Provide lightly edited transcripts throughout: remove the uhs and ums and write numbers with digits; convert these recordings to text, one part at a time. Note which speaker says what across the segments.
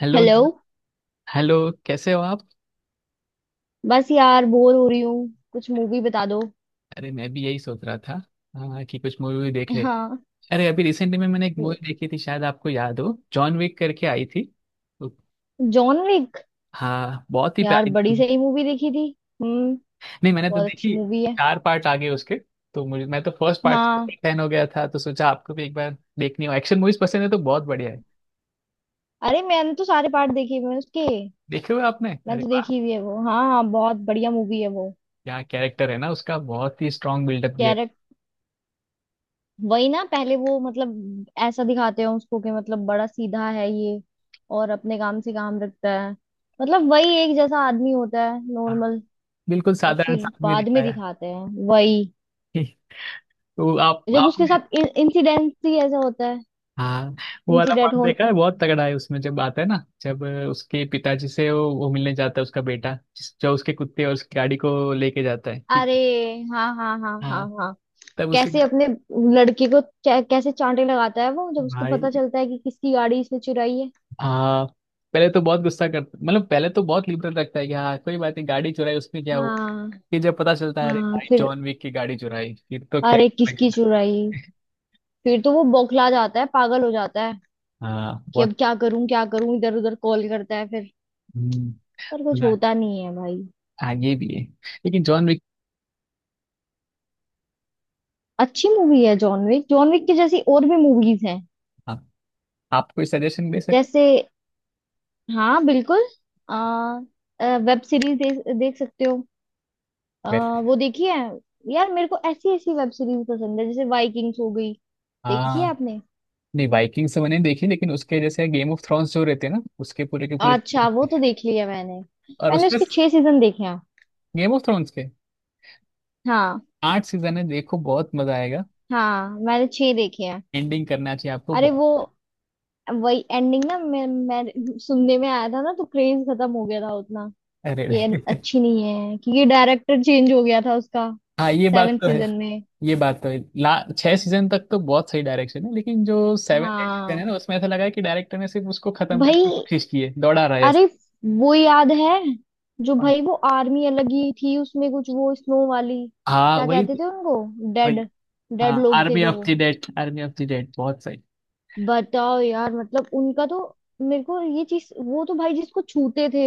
Speaker 1: Hello.
Speaker 2: Hello.
Speaker 1: Hello, कैसे हो आप?
Speaker 2: बस यार बोर हो रही हूँ, कुछ मूवी बता दो।
Speaker 1: अरे मैं भी यही सोच रहा था। हाँ, कि कुछ मूवी वूवी देख ले।
Speaker 2: हाँ।
Speaker 1: अरे अभी रिसेंटली में मैंने एक मूवी देखी थी, शायद आपको याद हो, जॉन विक करके आई थी। तो,
Speaker 2: जॉन विक।
Speaker 1: हाँ बहुत ही
Speaker 2: यार
Speaker 1: प्यारी
Speaker 2: बड़ी
Speaker 1: थी।
Speaker 2: सही मूवी देखी थी। हम्म।
Speaker 1: नहीं मैंने तो
Speaker 2: बहुत अच्छी
Speaker 1: देखी
Speaker 2: मूवी है।
Speaker 1: चार पार्ट आगे उसके। तो मुझे मैं तो फर्स्ट पार्ट
Speaker 2: हाँ।
Speaker 1: फैन हो गया था, तो सोचा आपको भी एक बार देखनी हो, एक्शन मूवीज पसंद है तो बहुत बढ़िया है।
Speaker 2: अरे मैंने तो सारे पार्ट देखे हुए हैं उसके।
Speaker 1: देखे हुए आपने?
Speaker 2: मैंने
Speaker 1: अरे
Speaker 2: तो
Speaker 1: वाह!
Speaker 2: देखी हुई है वो। हाँ हाँ, बहुत बढ़िया मूवी है वो।
Speaker 1: क्या कैरेक्टर है ना उसका, बहुत ही स्ट्रांग बिल्डअप दिया है।
Speaker 2: कैरेक्ट। वही ना, पहले वो मतलब ऐसा दिखाते हैं उसको कि मतलब बड़ा सीधा है ये और अपने काम से काम रखता है। मतलब वही एक जैसा आदमी होता है,
Speaker 1: हाँ,
Speaker 2: नॉर्मल।
Speaker 1: बिल्कुल
Speaker 2: और
Speaker 1: साधारण
Speaker 2: फिर
Speaker 1: सा आदमी
Speaker 2: बाद में
Speaker 1: दिखाया
Speaker 2: दिखाते हैं वही,
Speaker 1: है। तो आप
Speaker 2: जब
Speaker 1: आप
Speaker 2: उसके साथ इंसिडेंट ही ऐसा होता है।
Speaker 1: हाँ। वो वाला
Speaker 2: इंसिडेंट
Speaker 1: पार्ट
Speaker 2: हो।
Speaker 1: देखा है, बहुत तगड़ा है उसमें जब आता है ना, जब उसके पिताजी से वो मिलने जाता है उसका बेटा जो उसके कुत्ते और उसकी गाड़ी को लेके जाता है, ठीक?
Speaker 2: अरे हाँ हाँ हाँ हाँ
Speaker 1: हाँ,
Speaker 2: हाँ।
Speaker 1: तब उसके
Speaker 2: कैसे अपने लड़के को कैसे चांटे लगाता है वो, जब उसको पता
Speaker 1: भाई।
Speaker 2: चलता है कि किसकी गाड़ी इसने चुराई है।
Speaker 1: हाँ, पहले तो बहुत गुस्सा करता, मतलब पहले तो बहुत लिबरल रखता है कि हाँ कोई बात नहीं, गाड़ी चुराई उसमें क्या हुआ।
Speaker 2: हाँ
Speaker 1: फिर जब पता चलता है अरे
Speaker 2: हाँ
Speaker 1: भाई
Speaker 2: फिर।
Speaker 1: जॉन विक की गाड़ी चुराई, फिर तो क्या!
Speaker 2: अरे
Speaker 1: है।
Speaker 2: किसकी चुराई। फिर तो वो बौखला जाता है, पागल हो जाता है
Speaker 1: हाँ
Speaker 2: कि अब
Speaker 1: बहुत।
Speaker 2: क्या करूं क्या करूं, इधर उधर कॉल करता है फिर।
Speaker 1: हम्म,
Speaker 2: पर कुछ
Speaker 1: सुना है।
Speaker 2: होता नहीं है भाई।
Speaker 1: हाँ ये भी है। लेकिन जॉन विक,
Speaker 2: अच्छी मूवी है जॉन विक। जॉन विक की जैसी और भी मूवीज हैं।
Speaker 1: आप, आप कोई सजेशन दे सकते हैं?
Speaker 2: जैसे हाँ बिल्कुल। आ, वेब सीरीज देख सकते हो।
Speaker 1: वैसे
Speaker 2: वो देखिए। यार मेरे को ऐसी ऐसी वेब सीरीज पसंद है, जैसे वाइकिंग्स हो गई। देखी है
Speaker 1: हाँ।
Speaker 2: आपने?
Speaker 1: नहीं, वाइकिंग्स मैंने देखी, लेकिन उसके जैसे गेम ऑफ थ्रोन्स जो रहते हैं ना, उसके पूरे के पूरे।
Speaker 2: अच्छा वो तो देख लिया मैंने।
Speaker 1: और
Speaker 2: मैंने
Speaker 1: उसमें
Speaker 2: उसके 6 सीजन देखे हैं।
Speaker 1: गेम ऑफ थ्रोन्स के
Speaker 2: हाँ।
Speaker 1: 8 सीजन है, देखो बहुत मजा आएगा।
Speaker 2: हाँ मैंने 6 देखे हैं।
Speaker 1: एंडिंग करना चाहिए आपको,
Speaker 2: अरे
Speaker 1: बहुत।
Speaker 2: वो, वही एंडिंग ना, मैं सुनने में आया था ना, तो क्रेज खत्म हो गया था उतना
Speaker 1: अरे
Speaker 2: कि ये
Speaker 1: रे!
Speaker 2: अच्छी नहीं है क्योंकि डायरेक्टर चेंज हो गया था उसका
Speaker 1: हाँ, ये बात
Speaker 2: सेवन
Speaker 1: तो है।
Speaker 2: सीजन में।
Speaker 1: ये बात तो है, ला 6 सीजन तक तो बहुत सही डायरेक्शन है, लेकिन जो 7 8 सीजन
Speaker 2: हाँ।
Speaker 1: है ना, उसमें ऐसा लगा है कि डायरेक्टर ने सिर्फ उसको खत्म करने
Speaker 2: भाई।
Speaker 1: की कोशिश की है, दौड़ा रहा है
Speaker 2: अरे
Speaker 1: ऐसे।
Speaker 2: वो याद है, जो भाई वो आर्मी अलग ही थी उसमें, कुछ वो स्नो वाली।
Speaker 1: हाँ,
Speaker 2: क्या
Speaker 1: वही
Speaker 2: कहते थे उनको?
Speaker 1: वही।
Speaker 2: डेड।
Speaker 1: हाँ,
Speaker 2: डेड लोग थे
Speaker 1: आर्मी
Speaker 2: जो
Speaker 1: ऑफ
Speaker 2: वो।
Speaker 1: The dead, army of the dead, बहुत सही।
Speaker 2: बताओ यार, मतलब उनका तो। मेरे को ये चीज, वो तो भाई जिसको छूते थे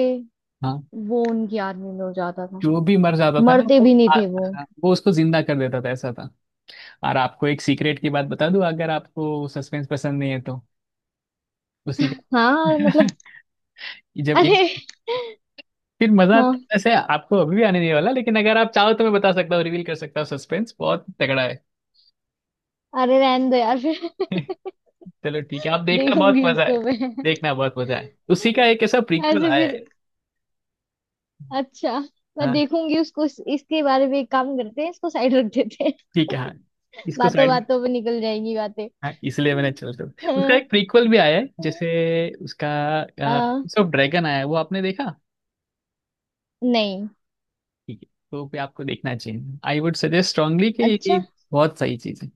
Speaker 1: हाँ,
Speaker 2: वो उनकी आर्मी में हो जाता था।
Speaker 1: जो भी मर जाता था ना
Speaker 2: मरते
Speaker 1: वो
Speaker 2: भी नहीं थे वो।
Speaker 1: हाँ, वो उसको जिंदा कर देता था, ऐसा था। और आपको एक सीक्रेट की बात बता दूं, अगर आपको सस्पेंस पसंद नहीं है तो उसी
Speaker 2: हाँ मतलब।
Speaker 1: का जब
Speaker 2: अरे।
Speaker 1: एक फिर मजा
Speaker 2: हाँ।
Speaker 1: ऐसे आपको अभी भी आने नहीं वाला, लेकिन अगर आप चाहो तो मैं बता सकता हूँ, रिवील कर सकता हूँ, सस्पेंस बहुत तगड़ा है।
Speaker 2: अरे रहने दो यार फिर।
Speaker 1: चलो ठीक है, आप देखना, बहुत
Speaker 2: देखूंगी
Speaker 1: मजा है।
Speaker 2: उसको मैं।
Speaker 1: देखना, बहुत मजा है, उसी का एक ऐसा प्रीक्वल
Speaker 2: ऐसे
Speaker 1: आया
Speaker 2: फिर।
Speaker 1: है।
Speaker 2: अच्छा मैं
Speaker 1: हाँ,
Speaker 2: देखूंगी उसको इसके बारे में। एक काम करते हैं, इसको साइड रख देते हैं।
Speaker 1: ठीक है, हाँ। इसको
Speaker 2: बातों
Speaker 1: साइड में।
Speaker 2: बातों पे निकल जाएगी बातें।
Speaker 1: हाँ, इसलिए मैंने चल तो उसका एक प्रीक्वल भी आया है, जैसे उसका
Speaker 2: हाँ,
Speaker 1: हाउस ऑफ ड्रैगन आया है, वो आपने देखा?
Speaker 2: नहीं।
Speaker 1: ठीक है, तो भी आपको देखना चाहिए। आई वुड सजेस्ट स्ट्रांगली कि ये
Speaker 2: अच्छा।
Speaker 1: बहुत सही चीज है।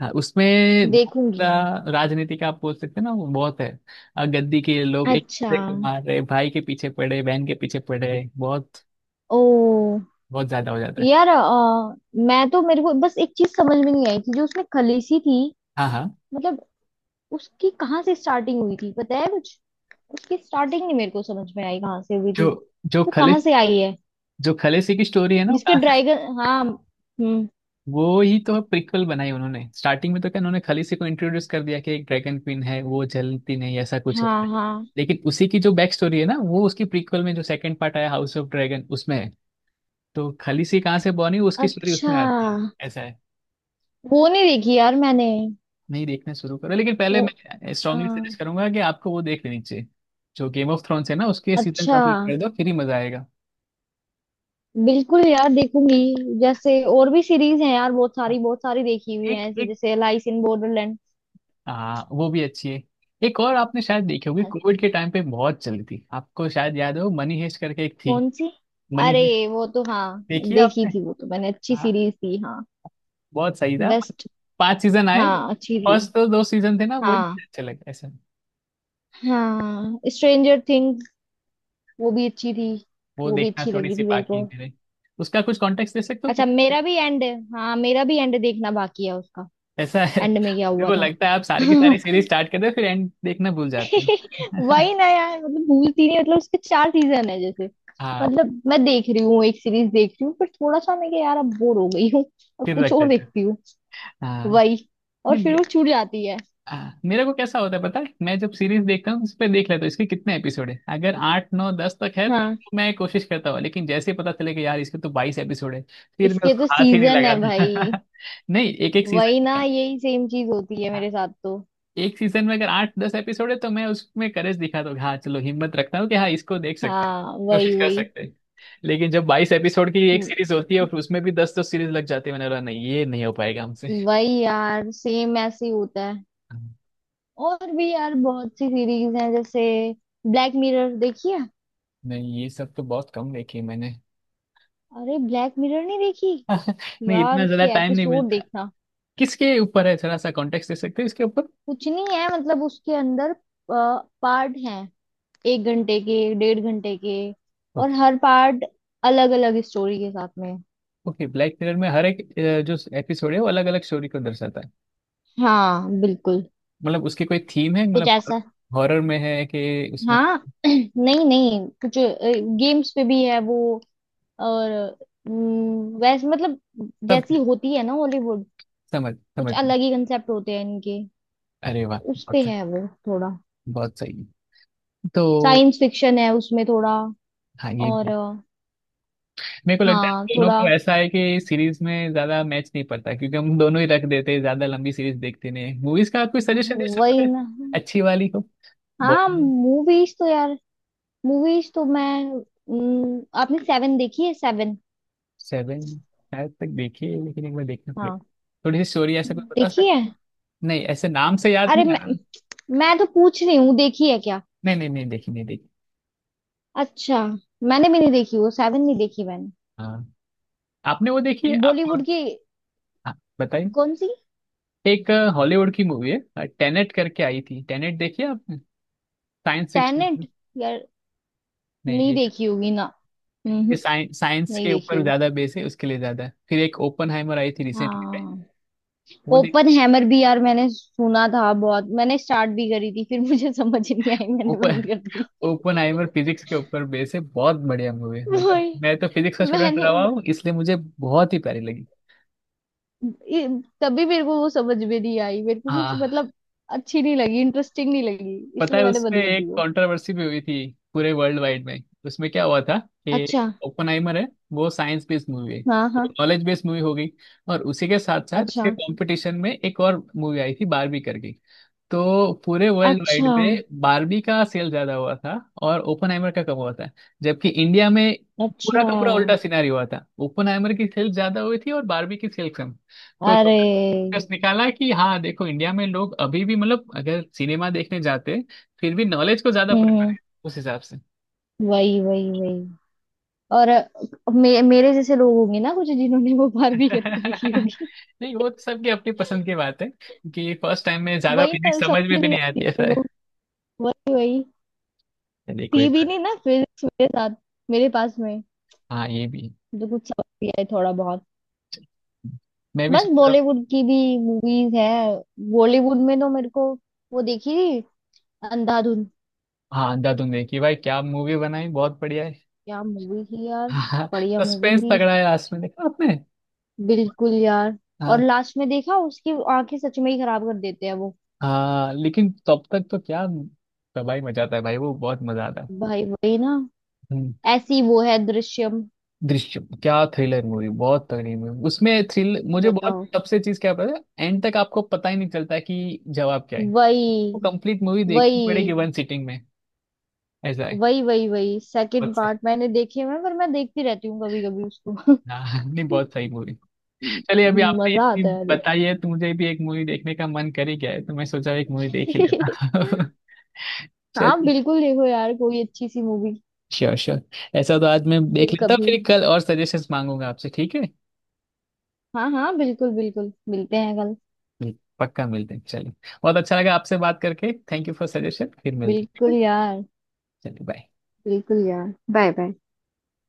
Speaker 1: हाँ, उसमें बहुत
Speaker 2: देखूंगी।
Speaker 1: ज्यादा राजनीति का, आप बोल सकते हैं ना, वो बहुत है। गद्दी के लोग एक
Speaker 2: अच्छा।
Speaker 1: दूसरे को मार रहे, भाई के पीछे पड़े, बहन के पीछे पड़े, बहुत
Speaker 2: ओ
Speaker 1: बहुत ज्यादा हो जाता है।
Speaker 2: यार मैं तो, मेरे को बस एक चीज समझ में नहीं आई थी, जो उसमें खलीसी थी।
Speaker 1: हाँ हाँ।
Speaker 2: मतलब उसकी कहाँ से स्टार्टिंग हुई थी पता है कुछ? उसकी स्टार्टिंग नहीं मेरे को समझ में आई कहाँ से हुई
Speaker 1: जो
Speaker 2: थी।
Speaker 1: जो
Speaker 2: वो
Speaker 1: खले
Speaker 2: कहाँ से आई है?
Speaker 1: जो खलेसी की स्टोरी है ना, वो
Speaker 2: जिसके
Speaker 1: कहाँ से,
Speaker 2: ड्रैगन? हाँ। हम्म।
Speaker 1: वो ही तो प्रिक्वल बनाई उन्होंने। स्टार्टिंग में तो क्या उन्होंने खाली से को इंट्रोड्यूस कर दिया कि एक ड्रैगन क्वीन है, वो जलती नहीं, ऐसा कुछ है।
Speaker 2: हाँ हाँ।
Speaker 1: लेकिन उसी की जो बैक स्टोरी है ना, वो उसकी प्रीक्वल में जो सेकंड पार्ट आया हाउस ऑफ ड्रैगन, उसमें है। तो खलीसी कहाँ से बनी, उसकी स्टोरी
Speaker 2: अच्छा,
Speaker 1: उसमें आती है, ऐसा है।
Speaker 2: वो नहीं देखी यार मैंने।
Speaker 1: नहीं, देखना शुरू करो, लेकिन पहले
Speaker 2: वो
Speaker 1: मैं स्ट्रांगली
Speaker 2: हाँ।
Speaker 1: सजेस्ट करूंगा कि आपको वो देख लेनी चाहिए। जो गेम ऑफ थ्रोन्स है ना, उसके सीजन
Speaker 2: अच्छा,
Speaker 1: कंप्लीट कर दो फिर ही मजा आएगा।
Speaker 2: बिल्कुल यार देखूंगी। जैसे और भी सीरीज हैं यार, बहुत सारी देखी हुई
Speaker 1: एक
Speaker 2: है ऐसे,
Speaker 1: एक।
Speaker 2: जैसे लाइस इन बॉर्डरलैंड।
Speaker 1: हाँ वो भी अच्छी है। एक और आपने शायद देखी होगी, कोविड के टाइम पे बहुत चली थी, आपको शायद याद हो, मनी हेस्ट करके एक थी।
Speaker 2: कौन सी?
Speaker 1: मनी
Speaker 2: अरे
Speaker 1: हेस्ट
Speaker 2: वो तो हाँ,
Speaker 1: देखी है
Speaker 2: देखी
Speaker 1: आपने?
Speaker 2: थी वो तो मैंने। अच्छी
Speaker 1: हाँ,
Speaker 2: सीरीज थी। हाँ।
Speaker 1: बहुत सही था।
Speaker 2: बेस्ट।
Speaker 1: 5 सीजन आए।
Speaker 2: हाँ अच्छी थी।
Speaker 1: फर्स्ट तो 2 सीजन थे ना, वो ही
Speaker 2: हाँ।
Speaker 1: अच्छे लगे, ऐसा।
Speaker 2: हाँ स्ट्रेंजर थिंग्स, वो भी अच्छी थी।
Speaker 1: वो
Speaker 2: वो भी
Speaker 1: देखना
Speaker 2: अच्छी
Speaker 1: थोड़ी
Speaker 2: लगी
Speaker 1: सी
Speaker 2: थी मेरे
Speaker 1: बाकी है
Speaker 2: को।
Speaker 1: मेरे। उसका कुछ कॉन्टेक्स्ट दे सकते हो
Speaker 2: अच्छा
Speaker 1: क्या?
Speaker 2: मेरा भी एंड। हाँ मेरा भी एंड देखना बाकी है उसका।
Speaker 1: ऐसा है,
Speaker 2: एंड में क्या
Speaker 1: मेरे
Speaker 2: हुआ
Speaker 1: को
Speaker 2: था?
Speaker 1: लगता है आप सारी की सारी सीरीज स्टार्ट करते हो फिर एंड देखना भूल जाते हो।
Speaker 2: वही ना यार, मतलब भूलती नहीं, मतलब उसके 4 सीजन है जैसे।
Speaker 1: हाँ,
Speaker 2: मतलब मैं देख रही हूँ, एक सीरीज देख रही हूँ, पर थोड़ा सा मैं कि यार अब बोर हो गई हूँ। अब
Speaker 1: फिर रख
Speaker 2: कुछ और
Speaker 1: देते
Speaker 2: देखती
Speaker 1: हो।
Speaker 2: हूँ।
Speaker 1: हाँ,
Speaker 2: वही। और फिर
Speaker 1: नहीं।
Speaker 2: वो छूट जाती है।
Speaker 1: हाँ, मेरे को कैसा होता है पता है, मैं जब सीरीज देखता हूँ उस पर देख लेता हूँ इसके कितने एपिसोड है। अगर 8 9 10 तक है तब
Speaker 2: हाँ
Speaker 1: तो मैं कोशिश करता हूँ, लेकिन जैसे ही पता चले कि यार इसके तो 22 एपिसोड है, फिर मैं
Speaker 2: इसके
Speaker 1: उसको
Speaker 2: तो
Speaker 1: हाथ ही नहीं
Speaker 2: सीजन है भाई।
Speaker 1: लगाता। नहीं, एक एक
Speaker 2: वही ना,
Speaker 1: सीजन।
Speaker 2: यही सेम चीज होती है मेरे
Speaker 1: हाँ,
Speaker 2: साथ तो।
Speaker 1: एक सीजन में अगर 8 10 एपिसोड है तो मैं उसमें करेज दिखाता हूँ, कि हाँ चलो हिम्मत रखता हूँ कि हाँ इसको देख सकते हैं,
Speaker 2: हाँ। वही
Speaker 1: कोशिश कर
Speaker 2: वही।
Speaker 1: सकते हैं। लेकिन जब 22 एपिसोड की एक सीरीज होती है, और उसमें भी दस दस सीरीज लग जाती है, मैंने बोला नहीं, ये नहीं हो पाएगा हमसे।
Speaker 2: वही यार, सेम ऐसे ही होता है।
Speaker 1: हाँ,
Speaker 2: और भी यार बहुत सी सीरीज हैं जैसे ब्लैक मिरर, देखी है?
Speaker 1: नहीं, ये सब तो बहुत कम देखी है मैंने।
Speaker 2: अरे ब्लैक मिरर नहीं देखी?
Speaker 1: नहीं,
Speaker 2: यार
Speaker 1: इतना ज्यादा
Speaker 2: उसके
Speaker 1: टाइम नहीं
Speaker 2: एपिसोड
Speaker 1: मिलता।
Speaker 2: देखना।
Speaker 1: किसके ऊपर है, थोड़ा सा कॉन्टेक्स्ट दे सकते हैं इसके ऊपर?
Speaker 2: कुछ नहीं है मतलब, उसके अंदर पार्ट हैं, 1 घंटे के, 1.5 घंटे के। और
Speaker 1: ओके।
Speaker 2: हर पार्ट अलग अलग स्टोरी के साथ में।
Speaker 1: ओके, ब्लैक मिरर में हर एक जो एपिसोड है वो अलग अलग स्टोरी को दर्शाता है।
Speaker 2: हाँ बिल्कुल।
Speaker 1: मतलब उसकी कोई थीम है,
Speaker 2: कुछ
Speaker 1: मतलब
Speaker 2: ऐसा।
Speaker 1: हॉरर में है कि उसमें?
Speaker 2: हाँ नहीं नहीं। कुछ गेम्स पे भी है वो। और वैसे मतलब,
Speaker 1: सब
Speaker 2: जैसी होती है ना हॉलीवुड,
Speaker 1: समझ,
Speaker 2: कुछ
Speaker 1: समझ।
Speaker 2: अलग ही कंसेप्ट होते हैं इनके।
Speaker 1: अरे वाह,
Speaker 2: उस पे
Speaker 1: बहुत
Speaker 2: है वो थोड़ा।
Speaker 1: बहुत सही है। तो
Speaker 2: साइंस फिक्शन है उसमें थोड़ा।
Speaker 1: हाँ, ये
Speaker 2: और
Speaker 1: भी, मेरे को लगता है
Speaker 2: हाँ
Speaker 1: दोनों
Speaker 2: थोड़ा।
Speaker 1: को ऐसा है कि सीरीज में ज्यादा मैच नहीं पड़ता, क्योंकि हम दोनों ही रख देते हैं, ज्यादा लंबी सीरीज देखते नहीं। मूवीज का आप कोई सजेशन दे सकते
Speaker 2: वही
Speaker 1: हैं,
Speaker 2: ना।
Speaker 1: अच्छी वाली को?
Speaker 2: हाँ मूवीज तो यार। मूवीज तो मैं। आपने सेवन देखी है, सेवन?
Speaker 1: सेवन शायद तक देखी है, लेकिन एक बार देखना पड़ेगा।
Speaker 2: हाँ
Speaker 1: थोड़ी सी स्टोरी ऐसा कुछ बता
Speaker 2: देखी
Speaker 1: सकते
Speaker 2: है।
Speaker 1: हैं? नहीं, ऐसे नाम से याद
Speaker 2: अरे
Speaker 1: नहीं आ रहा।
Speaker 2: मैं तो पूछ रही हूँ देखी है क्या?
Speaker 1: नहीं नहीं नहीं, देखी, नहीं देखी।
Speaker 2: अच्छा, मैंने भी नहीं देखी वो। सेवन नहीं देखी मैंने।
Speaker 1: हाँ। आपने वो देखी है, आपको?
Speaker 2: बॉलीवुड की।
Speaker 1: हाँ, बताइए।
Speaker 2: कौन सी?
Speaker 1: एक हॉलीवुड की मूवी है, टेनेट करके आई थी। टेनेट देखी है आपने? Science fiction.
Speaker 2: टेनेंट? यार
Speaker 1: नहीं,
Speaker 2: नहीं
Speaker 1: ये
Speaker 2: देखी होगी ना।
Speaker 1: ये
Speaker 2: हम्म।
Speaker 1: साइंस साइंस
Speaker 2: नहीं
Speaker 1: के
Speaker 2: देखी
Speaker 1: ऊपर
Speaker 2: होगी।
Speaker 1: ज्यादा बेस है, उसके लिए ज्यादा है। फिर एक ओपनहाइमर आई थी रिसेंटली पे,
Speaker 2: हाँ।
Speaker 1: वो देखी?
Speaker 2: ओपन हैमर भी यार मैंने सुना था बहुत, मैंने स्टार्ट भी करी थी, फिर मुझे समझ नहीं आई, मैंने
Speaker 1: ओपन,
Speaker 2: बंद कर दी।
Speaker 1: ओपनहाइमर फिजिक्स के ऊपर बेस है, बहुत बढ़िया मूवी है, मतलब
Speaker 2: वही।
Speaker 1: मैं तो फिजिक्स का स्टूडेंट
Speaker 2: मैंने
Speaker 1: रहा हूँ इसलिए मुझे बहुत ही प्यारी लगी।
Speaker 2: ये- तभी मेरे को वो समझ में नहीं आई, मेरे को कुछ
Speaker 1: हाँ,
Speaker 2: मतलब अच्छी नहीं लगी, इंटरेस्टिंग नहीं लगी,
Speaker 1: पता
Speaker 2: इसलिए
Speaker 1: है
Speaker 2: मैंने
Speaker 1: उसपे
Speaker 2: बंद कर दी
Speaker 1: एक
Speaker 2: वो।
Speaker 1: कंट्रोवर्सी भी हुई थी, पूरे वर्ल्ड वाइड में। उसमें क्या हुआ था कि
Speaker 2: अच्छा।
Speaker 1: ओपेनहाइमर है, वो साइंस बेस्ड मूवी है,
Speaker 2: हाँ हाँ।
Speaker 1: नॉलेज बेस्ड मूवी हो गई। और उसी के साथ साथ उसके
Speaker 2: अच्छा।
Speaker 1: कंपटीशन में एक और मूवी आई थी, बारबी करके। तो पूरे वर्ल्ड वाइड
Speaker 2: अच्छा।
Speaker 1: में बारबी का सेल ज्यादा हुआ था और ओपनहाइमर का कम हुआ था, जबकि इंडिया में पूरा
Speaker 2: अच्छा।
Speaker 1: का पूरा उल्टा सिनारी हुआ था, ओपनहाइमर की सेल ज्यादा हुई थी और बारबी की सेल कम। तो लोगों
Speaker 2: अरे।
Speaker 1: ने निष्कर्ष निकाला कि हाँ देखो इंडिया में लोग अभी भी, मतलब अगर सिनेमा देखने जाते फिर भी नॉलेज को ज्यादा
Speaker 2: हम्म
Speaker 1: प्रेफर
Speaker 2: हम्म।
Speaker 1: है, उस हिसाब से।
Speaker 2: वही वही वही। और मेरे जैसे लोग होंगे ना कुछ, जिन्होंने वो बारबी करके देखी होगी।
Speaker 1: नहीं, वो तो सबकी अपनी पसंद की बात है, कि फर्स्ट टाइम में ज्यादा
Speaker 2: वही
Speaker 1: फीलिंग
Speaker 2: ना,
Speaker 1: समझ में
Speaker 2: समझ
Speaker 1: भी
Speaker 2: नहीं
Speaker 1: नहीं
Speaker 2: आती
Speaker 1: आती, ऐसा
Speaker 2: मेरे को।
Speaker 1: है।
Speaker 2: वही वही।
Speaker 1: चलिए, कोई
Speaker 2: थी भी
Speaker 1: बात
Speaker 2: नहीं ना फिजिक्स मेरे साथ, मेरे पास में,
Speaker 1: नहीं। हाँ, ये भी
Speaker 2: तो कुछ समझ भी आए थोड़ा बहुत।
Speaker 1: मैं भी
Speaker 2: बस
Speaker 1: सोच रहा।
Speaker 2: बॉलीवुड की भी मूवीज है। बॉलीवुड में तो मेरे को वो देखी थी, अंधाधुन।
Speaker 1: हाँ, अंधा तुम देखी भाई, क्या मूवी बनाई, बहुत बढ़िया है।
Speaker 2: क्या मूवी थी यार।
Speaker 1: हाँ,
Speaker 2: बढ़िया मूवी
Speaker 1: सस्पेंस
Speaker 2: थी।
Speaker 1: तगड़ा है, लास्ट में देखा आपने?
Speaker 2: बिल्कुल यार। और
Speaker 1: हाँ।
Speaker 2: लास्ट में देखा, उसकी आंखें सच में ही खराब कर देते हैं वो।
Speaker 1: हाँ लेकिन तब तक तो क्या, तबाही मचाता है भाई वो, बहुत मजा आता है।
Speaker 2: भाई वही ना।
Speaker 1: हम्म,
Speaker 2: ऐसी वो है दृश्यम।
Speaker 1: दृश्यम, क्या थ्रिलर मूवी, बहुत तगड़ी मूवी, उसमें थ्रिल मुझे बहुत।
Speaker 2: बताओ।
Speaker 1: सबसे चीज क्या पता है, एंड तक आपको पता ही नहीं चलता है कि जवाब क्या है, आपको
Speaker 2: वही
Speaker 1: कंप्लीट मूवी देखनी पड़ेगी
Speaker 2: वही
Speaker 1: वन सिटिंग में, ऐसा है।
Speaker 2: वही। वही वही सेकंड
Speaker 1: बहुत सही।
Speaker 2: पार्ट मैंने देखे हुए हैं, पर मैं देखती रहती हूँ कभी कभी उसको।
Speaker 1: हाँ, नहीं, बहुत सही मूवी। चलिए, अभी आपने
Speaker 2: मजा
Speaker 1: इतनी
Speaker 2: आता है देख।
Speaker 1: बताई है तो मुझे भी एक मूवी देखने का मन कर ही गया है, तो मैं सोचा एक मूवी देख ही लेता।
Speaker 2: हाँ
Speaker 1: चलिए।
Speaker 2: बिल्कुल, देखो यार कोई अच्छी सी मूवी।
Speaker 1: Sure sure. ऐसा तो आज मैं देख
Speaker 2: फिर
Speaker 1: लेता हूँ,
Speaker 2: कभी।
Speaker 1: फिर कल और सजेशंस मांगूंगा आपसे, ठीक है?
Speaker 2: हाँ हाँ बिल्कुल बिल्कुल, मिलते हैं कल।
Speaker 1: जी, पक्का मिलते हैं, चलिए। बहुत अच्छा लगा आपसे बात करके, थैंक यू फॉर सजेशन, फिर मिलते हैं, ठीक
Speaker 2: बिल्कुल
Speaker 1: है?
Speaker 2: यार।
Speaker 1: चलिए, बाय।
Speaker 2: बिल्कुल यार, बाय बाय।